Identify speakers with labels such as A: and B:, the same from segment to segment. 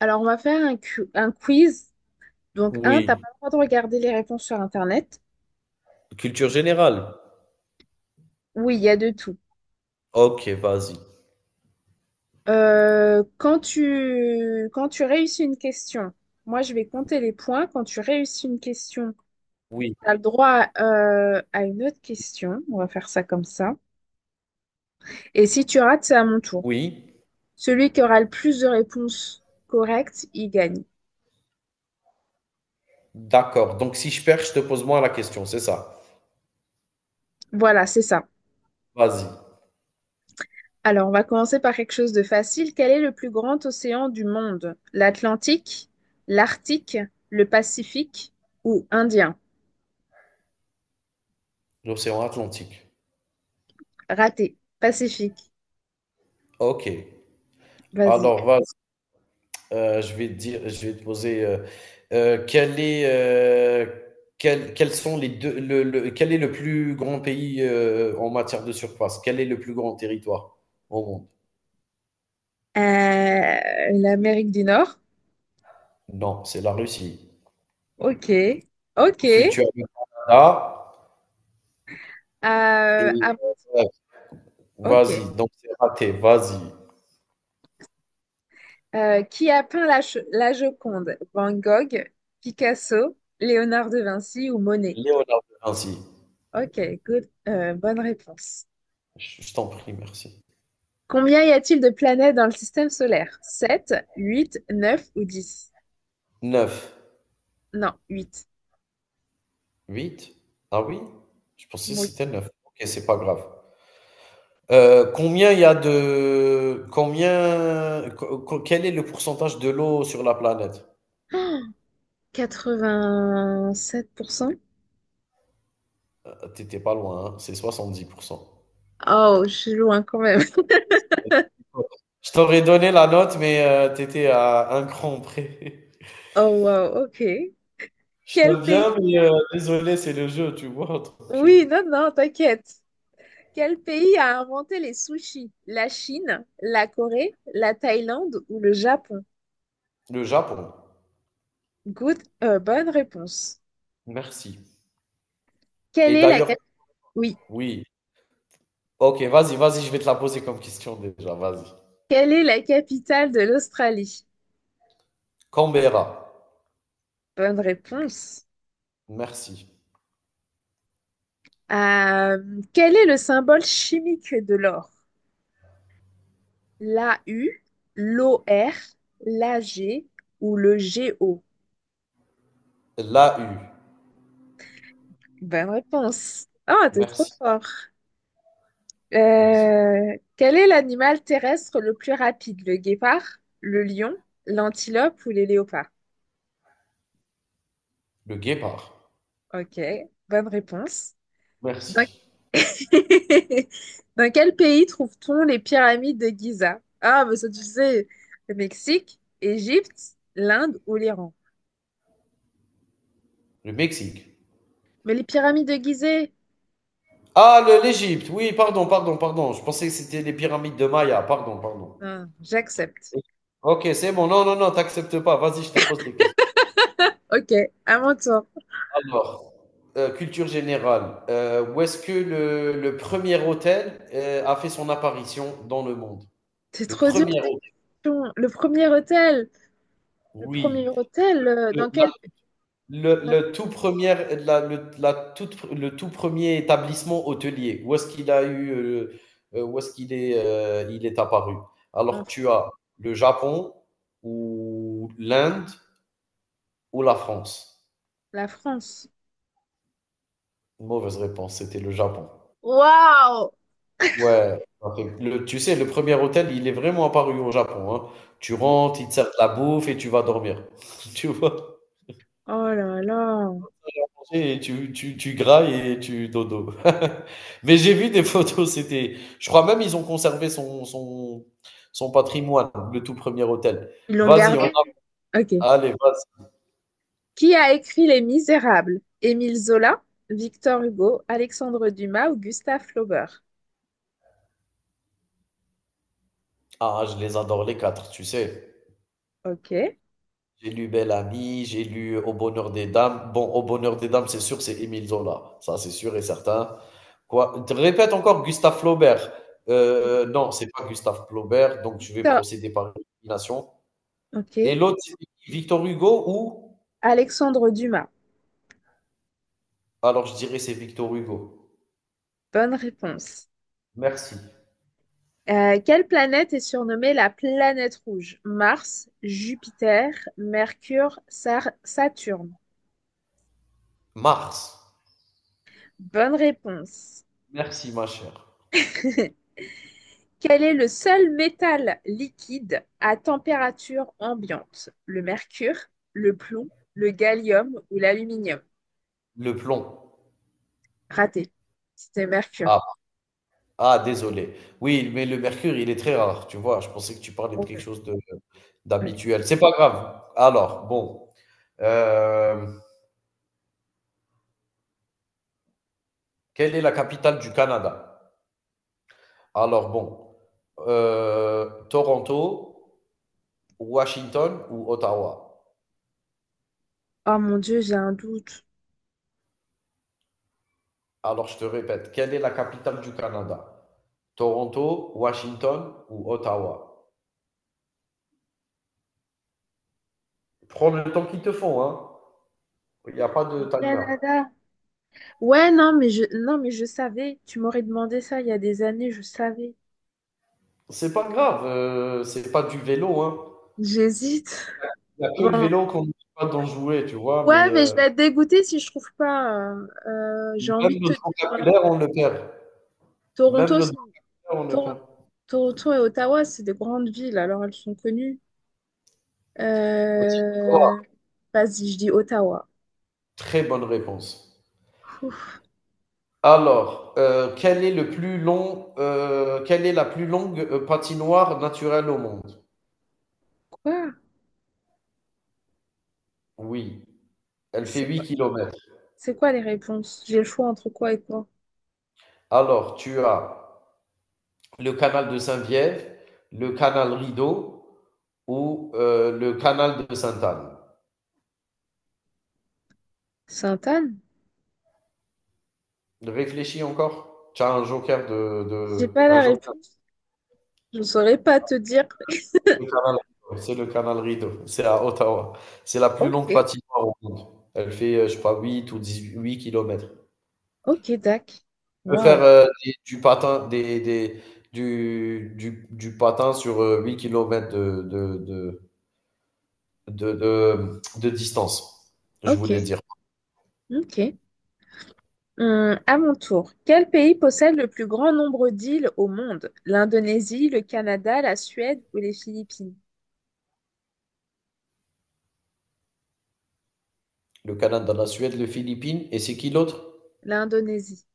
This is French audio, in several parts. A: Alors, on va faire un quiz. Donc, un, t'as
B: Oui,
A: pas le droit de regarder les réponses sur Internet.
B: culture générale?
A: Oui, il y a de tout.
B: OK, vas-y.
A: Quand tu réussis une question, moi, je vais compter les points. Quand tu réussis une question,
B: Oui,
A: t'as le droit à une autre question. On va faire ça comme ça. Et si tu rates, c'est à mon tour.
B: oui,
A: Celui qui aura le plus de réponses correctes, il gagne.
B: d'accord. Donc si je perds, je te pose moi la question, c'est ça?
A: Voilà, c'est ça.
B: Vas-y.
A: Alors, on va commencer par quelque chose de facile. Quel est le plus grand océan du monde? L'Atlantique, l'Arctique, le Pacifique ou Indien?
B: L'océan Atlantique.
A: Raté. Pacifique.
B: OK.
A: Vas-y.
B: Alors vas-y, je vais te dire je vais te poser, quel est, heu, quels sont les 2, le quel est le plus grand pays, en matière de surface? Quel est le plus grand territoire au monde?
A: l'Amérique du Nord.
B: Non, c'est la Russie.
A: Ok. Ok.
B: Ensuite, tu as le Canada et
A: Ah,
B: heu,
A: ok.
B: vas-y, donc c'est raté, vas-y.
A: Qui a peint la Joconde? Van Gogh, Picasso, Léonard de Vinci ou Monet?
B: Léonard de Vinci.
A: Ok. Good. Bonne réponse.
B: Je t'en prie, merci.
A: Combien y a-t-il de planètes dans le système solaire? 7, 8, 9 ou dix.
B: 9,
A: Non, huit.
B: 8, ah oui? Je pensais que
A: Oui.
B: c'était 9. Ok, c'est pas grave. Combien il y a de... Combien... Quel est le pourcentage de l'eau sur la planète?
A: 87%.
B: T'étais pas loin, hein, c'est 70%.
A: Oh, je suis loin quand même.
B: Je t'aurais donné la note, mais t'étais à un cran près.
A: Oh, wow, ok.
B: Je
A: Quel
B: t'aime bien,
A: pays?
B: mais désolé, c'est le jeu, tu vois. Donc,
A: Oui, non, non, t'inquiète. Quel pays a inventé les sushis? La Chine, la Corée, la Thaïlande ou le Japon?
B: le Japon.
A: Good, bonne réponse.
B: Merci.
A: Quelle
B: Et
A: est la
B: d'ailleurs,
A: cap- Oui.
B: oui. Ok, vas-y, vas-y, je vais te la poser comme question déjà, vas-y.
A: Quelle est la capitale de l'Australie?
B: Canberra,
A: Bonne réponse.
B: merci.
A: Quel est le symbole chimique de l'or? La U, l'O R, la G ou le G O.
B: La U,
A: Bonne réponse. Ah, t'es trop
B: merci,
A: fort.
B: merci.
A: Quel est l'animal terrestre le plus rapide? Le guépard, le lion, l'antilope ou les léopards?
B: Le guépard,
A: Ok, bonne réponse. Dans,
B: merci.
A: Dans quel pays trouve-t-on les pyramides de Gizeh? Ah, mais ça, tu sais, le Mexique, Égypte, l'Inde ou l'Iran?
B: Le Mexique.
A: Mais les pyramides de Gizeh.
B: Ah, l'Égypte, oui, pardon, pardon, pardon. Je pensais que c'était les pyramides de Maya, pardon, pardon.
A: Ah, j'accepte.
B: Ok, c'est bon, non, non, non, t'acceptes pas, vas-y, je te pose des questions.
A: Ok, à mon tour.
B: Alors, culture générale, où est-ce que le premier hôtel a fait son apparition dans le monde?
A: C'est
B: Le
A: trop dur
B: premier
A: ces
B: hôtel,
A: questions. Le premier hôtel, le premier
B: oui.
A: hôtel, dans quel
B: Le,
A: dans-
B: le tout premier, la, le, la toute, le tout premier établissement hôtelier, où est-ce qu'il a eu, où est-ce qu'il est, il est apparu? Alors,
A: en
B: tu as le Japon ou l'Inde ou la France.
A: la France.
B: Mauvaise réponse, c'était le Japon.
A: Waouh!
B: Ouais, tu sais, le premier hôtel, il est vraiment apparu au Japon, hein. Tu rentres, ils te servent de la bouffe et tu vas dormir. Tu vois?
A: Oh là là.
B: Et tu grailles et tu dodo. Mais j'ai vu des photos, c'était. Je crois même ils ont conservé son, son patrimoine, le tout premier hôtel.
A: Ils l'ont
B: Vas-y, on a.
A: gardé? Ok.
B: Allez, vas-y.
A: Qui a écrit Les Misérables? Émile Zola, Victor Hugo, Alexandre Dumas ou Gustave Flaubert?
B: Ah, je les adore les quatre, tu sais.
A: Ok.
B: J'ai lu Belle Amie, j'ai lu Au bonheur des dames. Bon, Au bonheur des dames, c'est sûr, c'est Émile Zola. Ça, c'est sûr et certain. Quoi? Te Répète encore Gustave Flaubert. Non, c'est pas Gustave Flaubert, donc je vais
A: Victor.
B: procéder par élimination. Et
A: Ok.
B: l'autre, c'est Victor Hugo ou?
A: Alexandre Dumas.
B: Alors je dirais c'est Victor Hugo.
A: Bonne réponse.
B: Merci.
A: Quelle planète est surnommée la planète rouge? Mars, Jupiter, Mercure, Saturne.
B: Mars.
A: Bonne réponse.
B: Merci ma chère.
A: Quel est le seul métal liquide à température ambiante? Le mercure, le plomb, le gallium ou l'aluminium?
B: Le plomb.
A: Raté. C'était mercure.
B: Ah, ah, désolé. Oui, mais le mercure, il est très rare, tu vois. Je pensais que tu parlais de
A: Oh,
B: quelque chose de
A: allez.
B: d'habituel. C'est pas grave. Alors, bon. Euh, quelle est la capitale du Canada? Alors, bon. Toronto, Washington ou Ottawa?
A: Oh mon Dieu, j'ai un doute.
B: Alors, je te répète, quelle est la capitale du Canada? Toronto, Washington ou Ottawa? Prends le temps qu'il te faut, hein. Il n'y a pas de
A: Du
B: timer.
A: Canada. Ouais, non, mais je savais. Tu m'aurais demandé ça il y a des années, je savais.
B: C'est pas grave, c'est pas du vélo, hein.
A: J'hésite.
B: Il n'y a que le
A: Bon,
B: vélo qu'on n'oublie pas d'en jouer, tu vois,
A: ouais,
B: mais
A: mais je vais être dégoûtée si je trouve pas. J'ai envie
B: même
A: de te dire,
B: notre
A: euh,
B: vocabulaire, on le perd. Même
A: Toronto,
B: notre
A: c'est-
B: vocabulaire, on le
A: Toro-
B: perd.
A: Toronto et Ottawa, c'est des grandes villes, alors elles sont connues.
B: Vas-y, au
A: Euh,
B: revoir.
A: vas-y, je dis Ottawa.
B: Très bonne réponse.
A: Ouf,
B: Alors, quelle est la plus longue, patinoire naturelle au monde?
A: quoi?
B: Oui, elle fait
A: C'est
B: huit
A: quoi?
B: kilomètres.
A: C'est quoi les réponses? J'ai le choix entre quoi et quoi?
B: Alors, tu as le canal de Saint-Viève, le canal Rideau ou le canal de Sainte-Anne?
A: Sainte-Anne?
B: Réfléchis encore. Tu as un joker
A: J'ai pas
B: un
A: la
B: joker
A: réponse. Je ne saurais pas te dire.
B: de canal Rideau. C'est le canal Rideau. C'est à Ottawa. C'est la plus
A: Ok,
B: longue patinoire au monde. Elle fait, je crois, 8 ou 18 kilomètres.
A: ok, Dac.
B: Tu peux faire
A: Waouh.
B: du patin, du patin sur 8 km de distance, je
A: Ok,
B: voulais dire.
A: ok. À mon tour, quel pays possède le plus grand nombre d'îles au monde? L'Indonésie, le Canada, la Suède ou les Philippines?
B: Le Canada, la Suède, les Philippines. Et c'est qui l'autre?
A: L'Indonésie.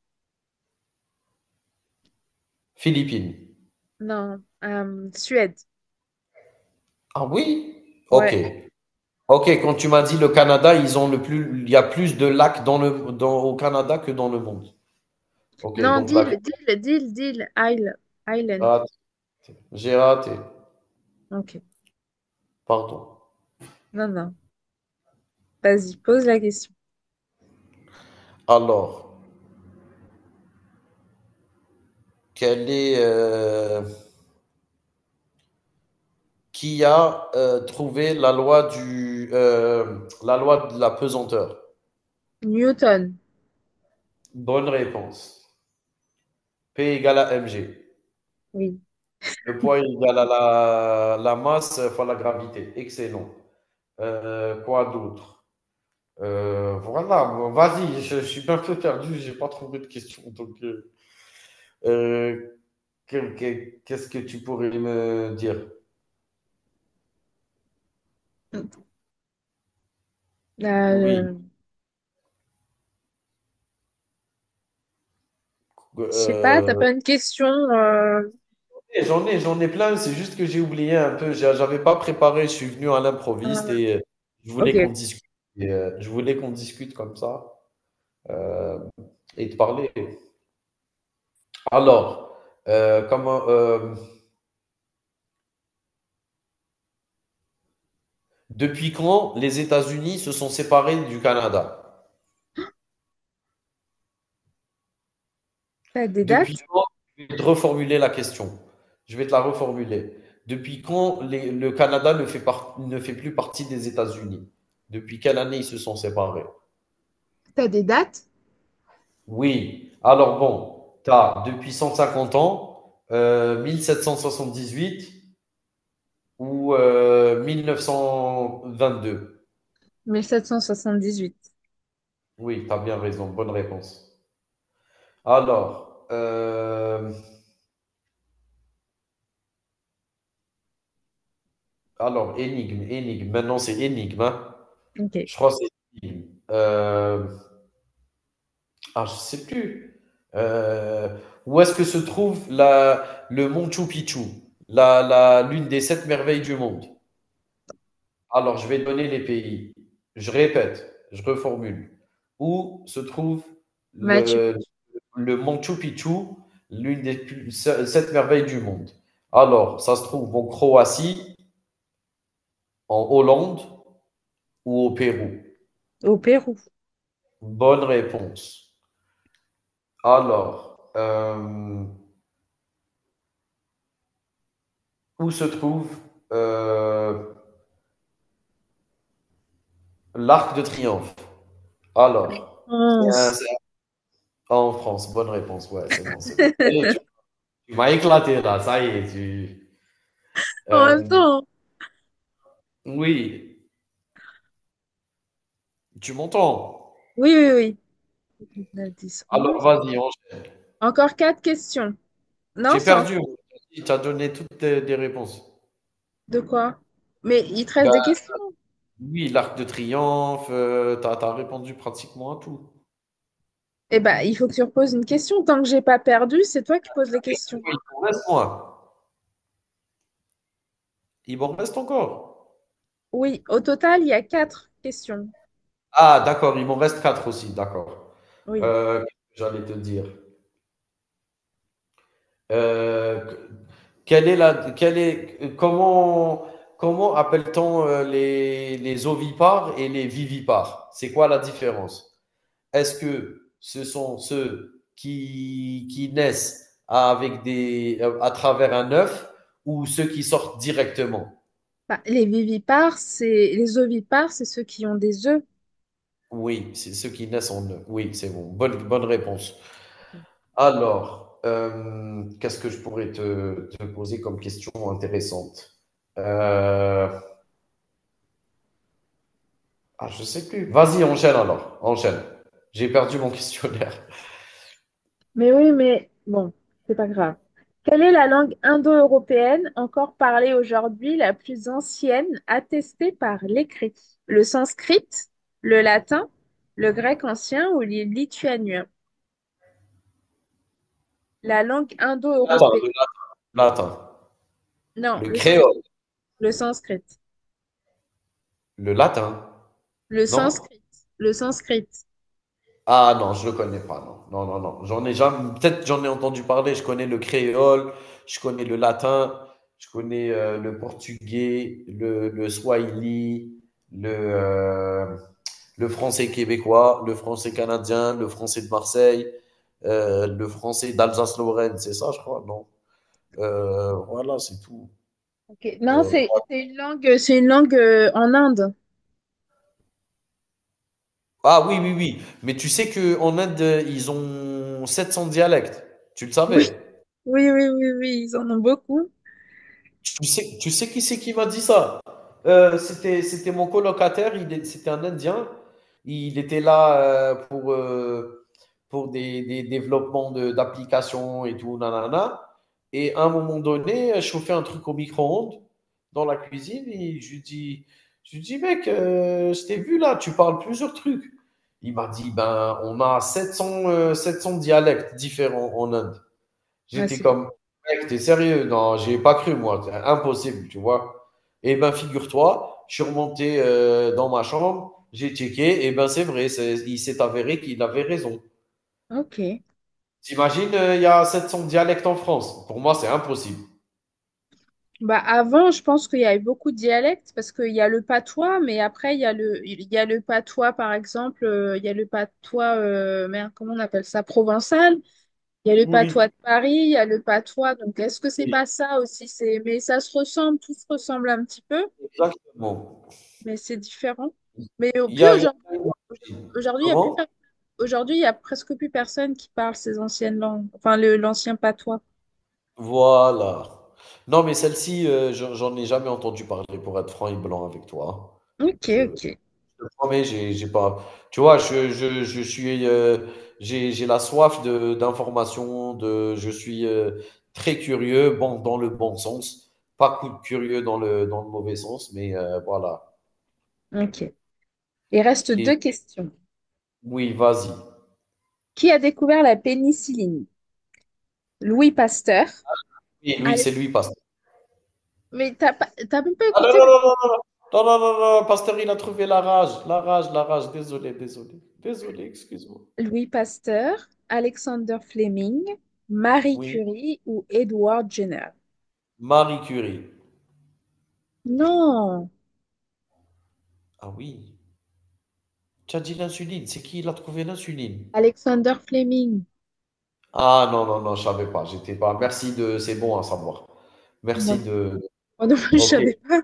B: Philippines.
A: Non, Suède.
B: Ah oui? Ok.
A: Ouais.
B: Ok, quand tu m'as dit le Canada, ils ont le plus, il y a plus de lacs au Canada que dans le monde. Ok,
A: Non,
B: donc là, j'ai
A: d'île, d'île, d'île, d'île, isle, island.
B: raté. J'ai raté.
A: Ok.
B: Pardon.
A: Non, non. Vas-y, pose la question.
B: Alors, quel est, euh, qui a trouvé la loi de la pesanteur?
A: Newton.
B: Bonne réponse. P égale à mg.
A: Oui.
B: Le poids égale à la masse fois la gravité. Excellent. Quoi d'autre? Voilà, bon, vas-y, je suis un peu perdu, j'ai pas trouvé de question. Donc, euh, qu'est-ce que tu pourrais me dire? Oui,
A: Euh, je sais pas, t'as
B: euh,
A: pas une question.
B: j'en ai plein, c'est juste que j'ai oublié un peu. J'avais pas préparé, je suis venu à
A: Euh,
B: l'improviste et je
A: ok.
B: voulais qu'on
A: Ok.
B: discute. Et, je voulais qu'on discute comme ça euh, et te parler. Alors, euh, comment, euh, depuis quand les États-Unis se sont séparés du Canada?
A: T'as des
B: Depuis
A: dates?
B: quand, je vais te reformuler la question. Je vais te la reformuler. Depuis quand le Canada ne fait, ne fait plus partie des États-Unis. Depuis quelle année ils se sont séparés?
A: T'as des dates?
B: Oui. Alors bon, tu as depuis 150 ans, 1778 ou 1922.
A: 1778.
B: Oui, tu as bien raison. Bonne réponse. Alors, alors énigme, énigme. Maintenant, c'est énigme, hein.
A: Ok.
B: Je crois que c'est énigme. Euh, Ah, je sais plus. Euh, où est-ce que se trouve la, le Machu Picchu, l'une des sept merveilles du monde? Alors, je vais donner les pays. Je répète, je reformule. Où se trouve
A: Machu
B: le,
A: Picchu.
B: le Machu Picchu, l'une des sept merveilles du monde? Alors, ça se trouve en Croatie, en Hollande ou au Pérou?
A: Au Pérou.
B: Bonne réponse. Alors, où se trouve euh, l'arc de triomphe. Alors,
A: 11.
B: ah, en France. Bonne réponse. Ouais, c'est bon, c'est bon. Ça y est, tu m'as éclaté là. Ça y est.
A: En
B: Euh,
A: même temps.
B: oui, tu m'entends.
A: Oui, oui, oui. 9, 10,
B: Alors,
A: 11.
B: vas-y.
A: Encore quatre questions. Non,
B: J'ai
A: c'est encore
B: perdu. Tu as donné des réponses.
A: de quoi? Mais il te reste des
B: Ben,
A: questions.
B: oui, l'arc de triomphe. Tu as, répondu pratiquement à tout.
A: Eh ben, il faut que tu reposes une question. Tant que j'ai pas perdu, c'est toi qui poses les questions.
B: Il m'en reste moins. Il m'en reste encore.
A: Oui, au total, il y a quatre questions.
B: Ah, d'accord. Il m'en reste quatre aussi. D'accord.
A: Oui.
B: Euh, J'allais te dire. Euh, quelle est la, quelle est, comment, comment appelle-t-on les ovipares et les vivipares? C'est quoi la différence? Est-ce que ce sont ceux qui naissent avec à travers un œuf ou ceux qui sortent directement?
A: Bah, les vivipares, c'est les ovipares, c'est ceux qui ont des œufs.
B: Oui, c'est ceux qui naissent en œuf. Oui, c'est bon. Bonne, bonne réponse. Alors, qu'est-ce que je pourrais te poser comme question intéressante? Euh, Ah, je sais plus. Vas-y, enchaîne alors. Enchaîne. J'ai perdu mon questionnaire.
A: Mais oui, mais bon, c'est pas grave. Quelle est la langue indo-européenne encore parlée aujourd'hui, la plus ancienne, attestée par l'écrit? Le sanskrit, le latin, le grec ancien ou le lituanien? La langue
B: Le latin,
A: indo-européenne.
B: latin.
A: Non,
B: Le
A: le sans-
B: créole.
A: le sanskrit.
B: Le latin.
A: Le
B: Non?
A: sanskrit. Le sanskrit.
B: Ah non, je le connais pas. Non, non, non, non. J'en ai jamais. Peut-être j'en ai entendu parler. Je connais le créole. Je connais le latin. Je connais le portugais, le swahili, le, euh, le français québécois, le français canadien, le français de Marseille, le français d'Alsace-Lorraine. C'est ça, je crois. Non. Voilà, c'est tout.
A: Ok. Non,
B: Euh,
A: c'est une langue, c'est une langue en Inde.
B: ah oui, oui, oui. Mais tu sais qu'en Inde, ils ont 700 dialectes. Tu le
A: Oui,
B: savais?
A: oui, oui, oui, oui, ils en ont beaucoup.
B: Tu sais qui c'est qui m'a dit ça? C'était mon colocataire, c'était un Indien. Il était là pour des développements d'applications et tout, nanana. Et à un moment donné, je chauffais un truc au micro-ondes dans la cuisine et je lui dis, mec, je t'ai vu là, tu parles plusieurs trucs. Il m'a dit, ben, on a 700, 700 dialectes différents en Inde.
A: Ah,
B: J'étais
A: c'est bon.
B: comme, mec, t'es sérieux? Non, j'ai pas cru, moi. C'est Impossible, tu vois. Et ben, figure-toi, je suis remonté dans ma chambre, j'ai checké, et ben, c'est vrai, il s'est avéré qu'il avait raison.
A: Ok.
B: T'imagines, il y a 700 dialectes en France. Pour moi, c'est impossible.
A: Bah, avant, je pense qu'il y avait beaucoup de dialectes parce qu'il y a le patois, mais après, il y a le patois, par exemple, il y a le patois, merde, comment on appelle ça, provençal, il y a le patois
B: Oui.
A: de Paris, il y a le patois. Donc, est-ce que c'est
B: Oui,
A: pas ça aussi? Mais ça se ressemble, tout se ressemble un petit peu.
B: exactement.
A: Mais c'est différent. Mais au
B: Il y
A: plus
B: a, il y
A: aujourd'hui,
B: a-
A: aujourd'hui, il y a plus
B: Comment?
A: per- aujourd'hui, il y a presque plus personne qui parle ces anciennes langues, enfin le l'ancien patois.
B: Voilà. Non, mais celle-ci, j'en ai jamais entendu parler, pour être franc et blanc avec toi.
A: Ok,
B: Je-
A: ok,
B: Je te promets, j'ai pas tu vois, je suis, j'ai la soif de d'information. De je suis, très curieux, bon, dans le bon sens, pas coup de curieux dans le mauvais sens, mais voilà.
A: ok. Il reste
B: Et
A: deux questions.
B: oui, vas-y.
A: Qui a découvert la pénicilline? Louis Pasteur.
B: Et lui,
A: Alex...
B: c'est lui Pasteur.
A: Mais t'as même pas
B: Ah non,
A: écouté.
B: non, non, non, non, non, non, non, non, Pasteur, il a trouvé la rage, la rage, la rage, désolé, désolé, désolé, excuse-moi.
A: Louis Pasteur, Alexander Fleming, Marie
B: Oui,
A: Curie ou Edward Jenner?
B: Marie Curie.
A: Non,
B: Ah oui, tu as dit l'insuline, c'est qui il a trouvé l'insuline?
A: Alexander Fleming.
B: Ah non, non, non, je savais pas. J'étais pas. Merci de. C'est bon à savoir.
A: Moi
B: Merci
A: non,
B: de.
A: moi non plus, je
B: Ok.
A: savais pas.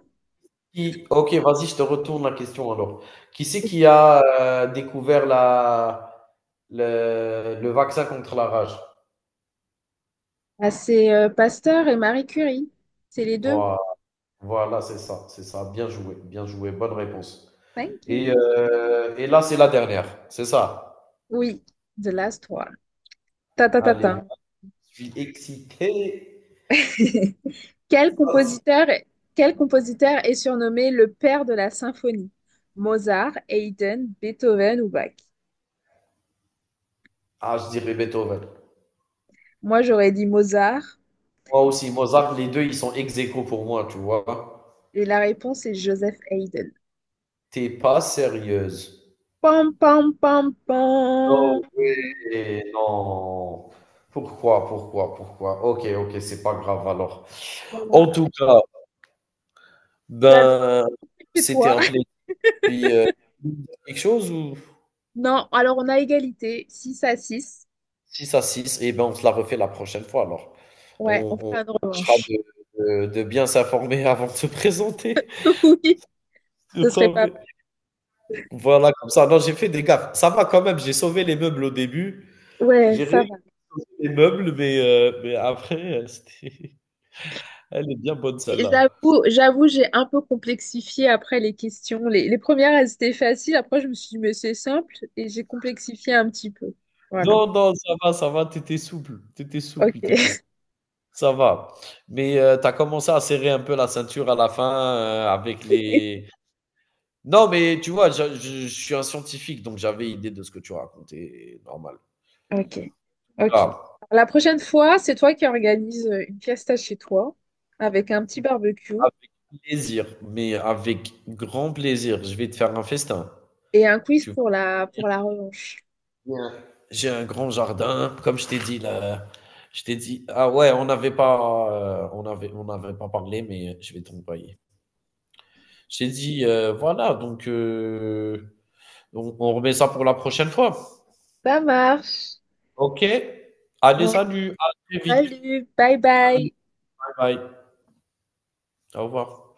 B: Ok, vas-y, je te retourne la question alors. Qui c'est qui a découvert le vaccin contre la rage?
A: Ah, c'est Pasteur et Marie Curie. C'est les deux.
B: Voilà, voilà, c'est ça, c'est ça. Bien joué, bonne réponse.
A: Thank
B: Et,
A: you.
B: euh, et là, c'est la dernière, c'est ça.
A: Oui, the last one. Ta ta ta
B: Allez,
A: ta.
B: je suis excité.
A: Quel compositeur, quel compositeur est surnommé le père de la symphonie? Mozart, Haydn, Beethoven ou Bach?
B: Ah, je dirais Beethoven.
A: Moi, j'aurais dit Mozart
B: Moi aussi, Mozart, les deux, ils sont ex aequo pour moi, tu vois.
A: et la réponse est Joseph Haydn.
B: T'es pas sérieuse.
A: Pam pam pam pam.
B: Non, oui, non. Pourquoi, pourquoi, pourquoi? OK, OK, c'est pas grave alors. En
A: Voilà.
B: tout cas,
A: Tu as le droit
B: ben,
A: chez
B: c'était
A: toi.
B: un plaisir. Puis, quelque chose ou
A: Non, alors on a égalité, 6-6.
B: 6-6. Et ben, on se la refait la prochaine fois alors.
A: Ouais,
B: On
A: on
B: on
A: fera une
B: tâchera
A: revanche.
B: de bien s'informer avant de se présenter.
A: Oui,
B: Je
A: ce
B: te
A: serait pas
B: promets. Voilà, comme ça, non, j'ai fait des gaffes. Ça va quand même, j'ai sauvé les meubles au début.
A: ouais,
B: J'ai
A: ça
B: réussi
A: va.
B: les meubles, mais après, c'était. Elle est bien bonne
A: Et
B: celle-là.
A: j'avoue, j'ai un peu complexifié après les questions. Les premières, elles étaient faciles. Après, je me suis dit, mais c'est simple. Et j'ai complexifié un petit peu. Voilà.
B: Non, non, ça va, tu souple, tu souple, tu
A: OK.
B: souple, ça va. Mais tu as commencé à serrer un peu la ceinture à la fin, avec les. Non, mais tu vois, je suis un scientifique, donc j'avais idée de ce que tu racontais, normal.
A: Ok, ok.
B: Ah,
A: La prochaine fois, c'est toi qui organise une fiesta chez toi avec un petit barbecue
B: avec plaisir, mais avec grand plaisir, je vais te faire un festin.
A: et un quiz
B: Tu vas
A: pour la,
B: venir
A: pour la revanche.
B: bien. J'ai un grand jardin, comme je t'ai dit là, je t'ai dit ah ouais, on n'avait pas, on avait, on n'avait pas parlé, mais je vais t'envoyer. J'ai dit, voilà, donc on remet ça pour la prochaine fois.
A: Ça marche.
B: OK. Allez,
A: Bon,
B: salut, à très vite.
A: salut, bye
B: Salut,
A: bye.
B: bye bye. Au revoir.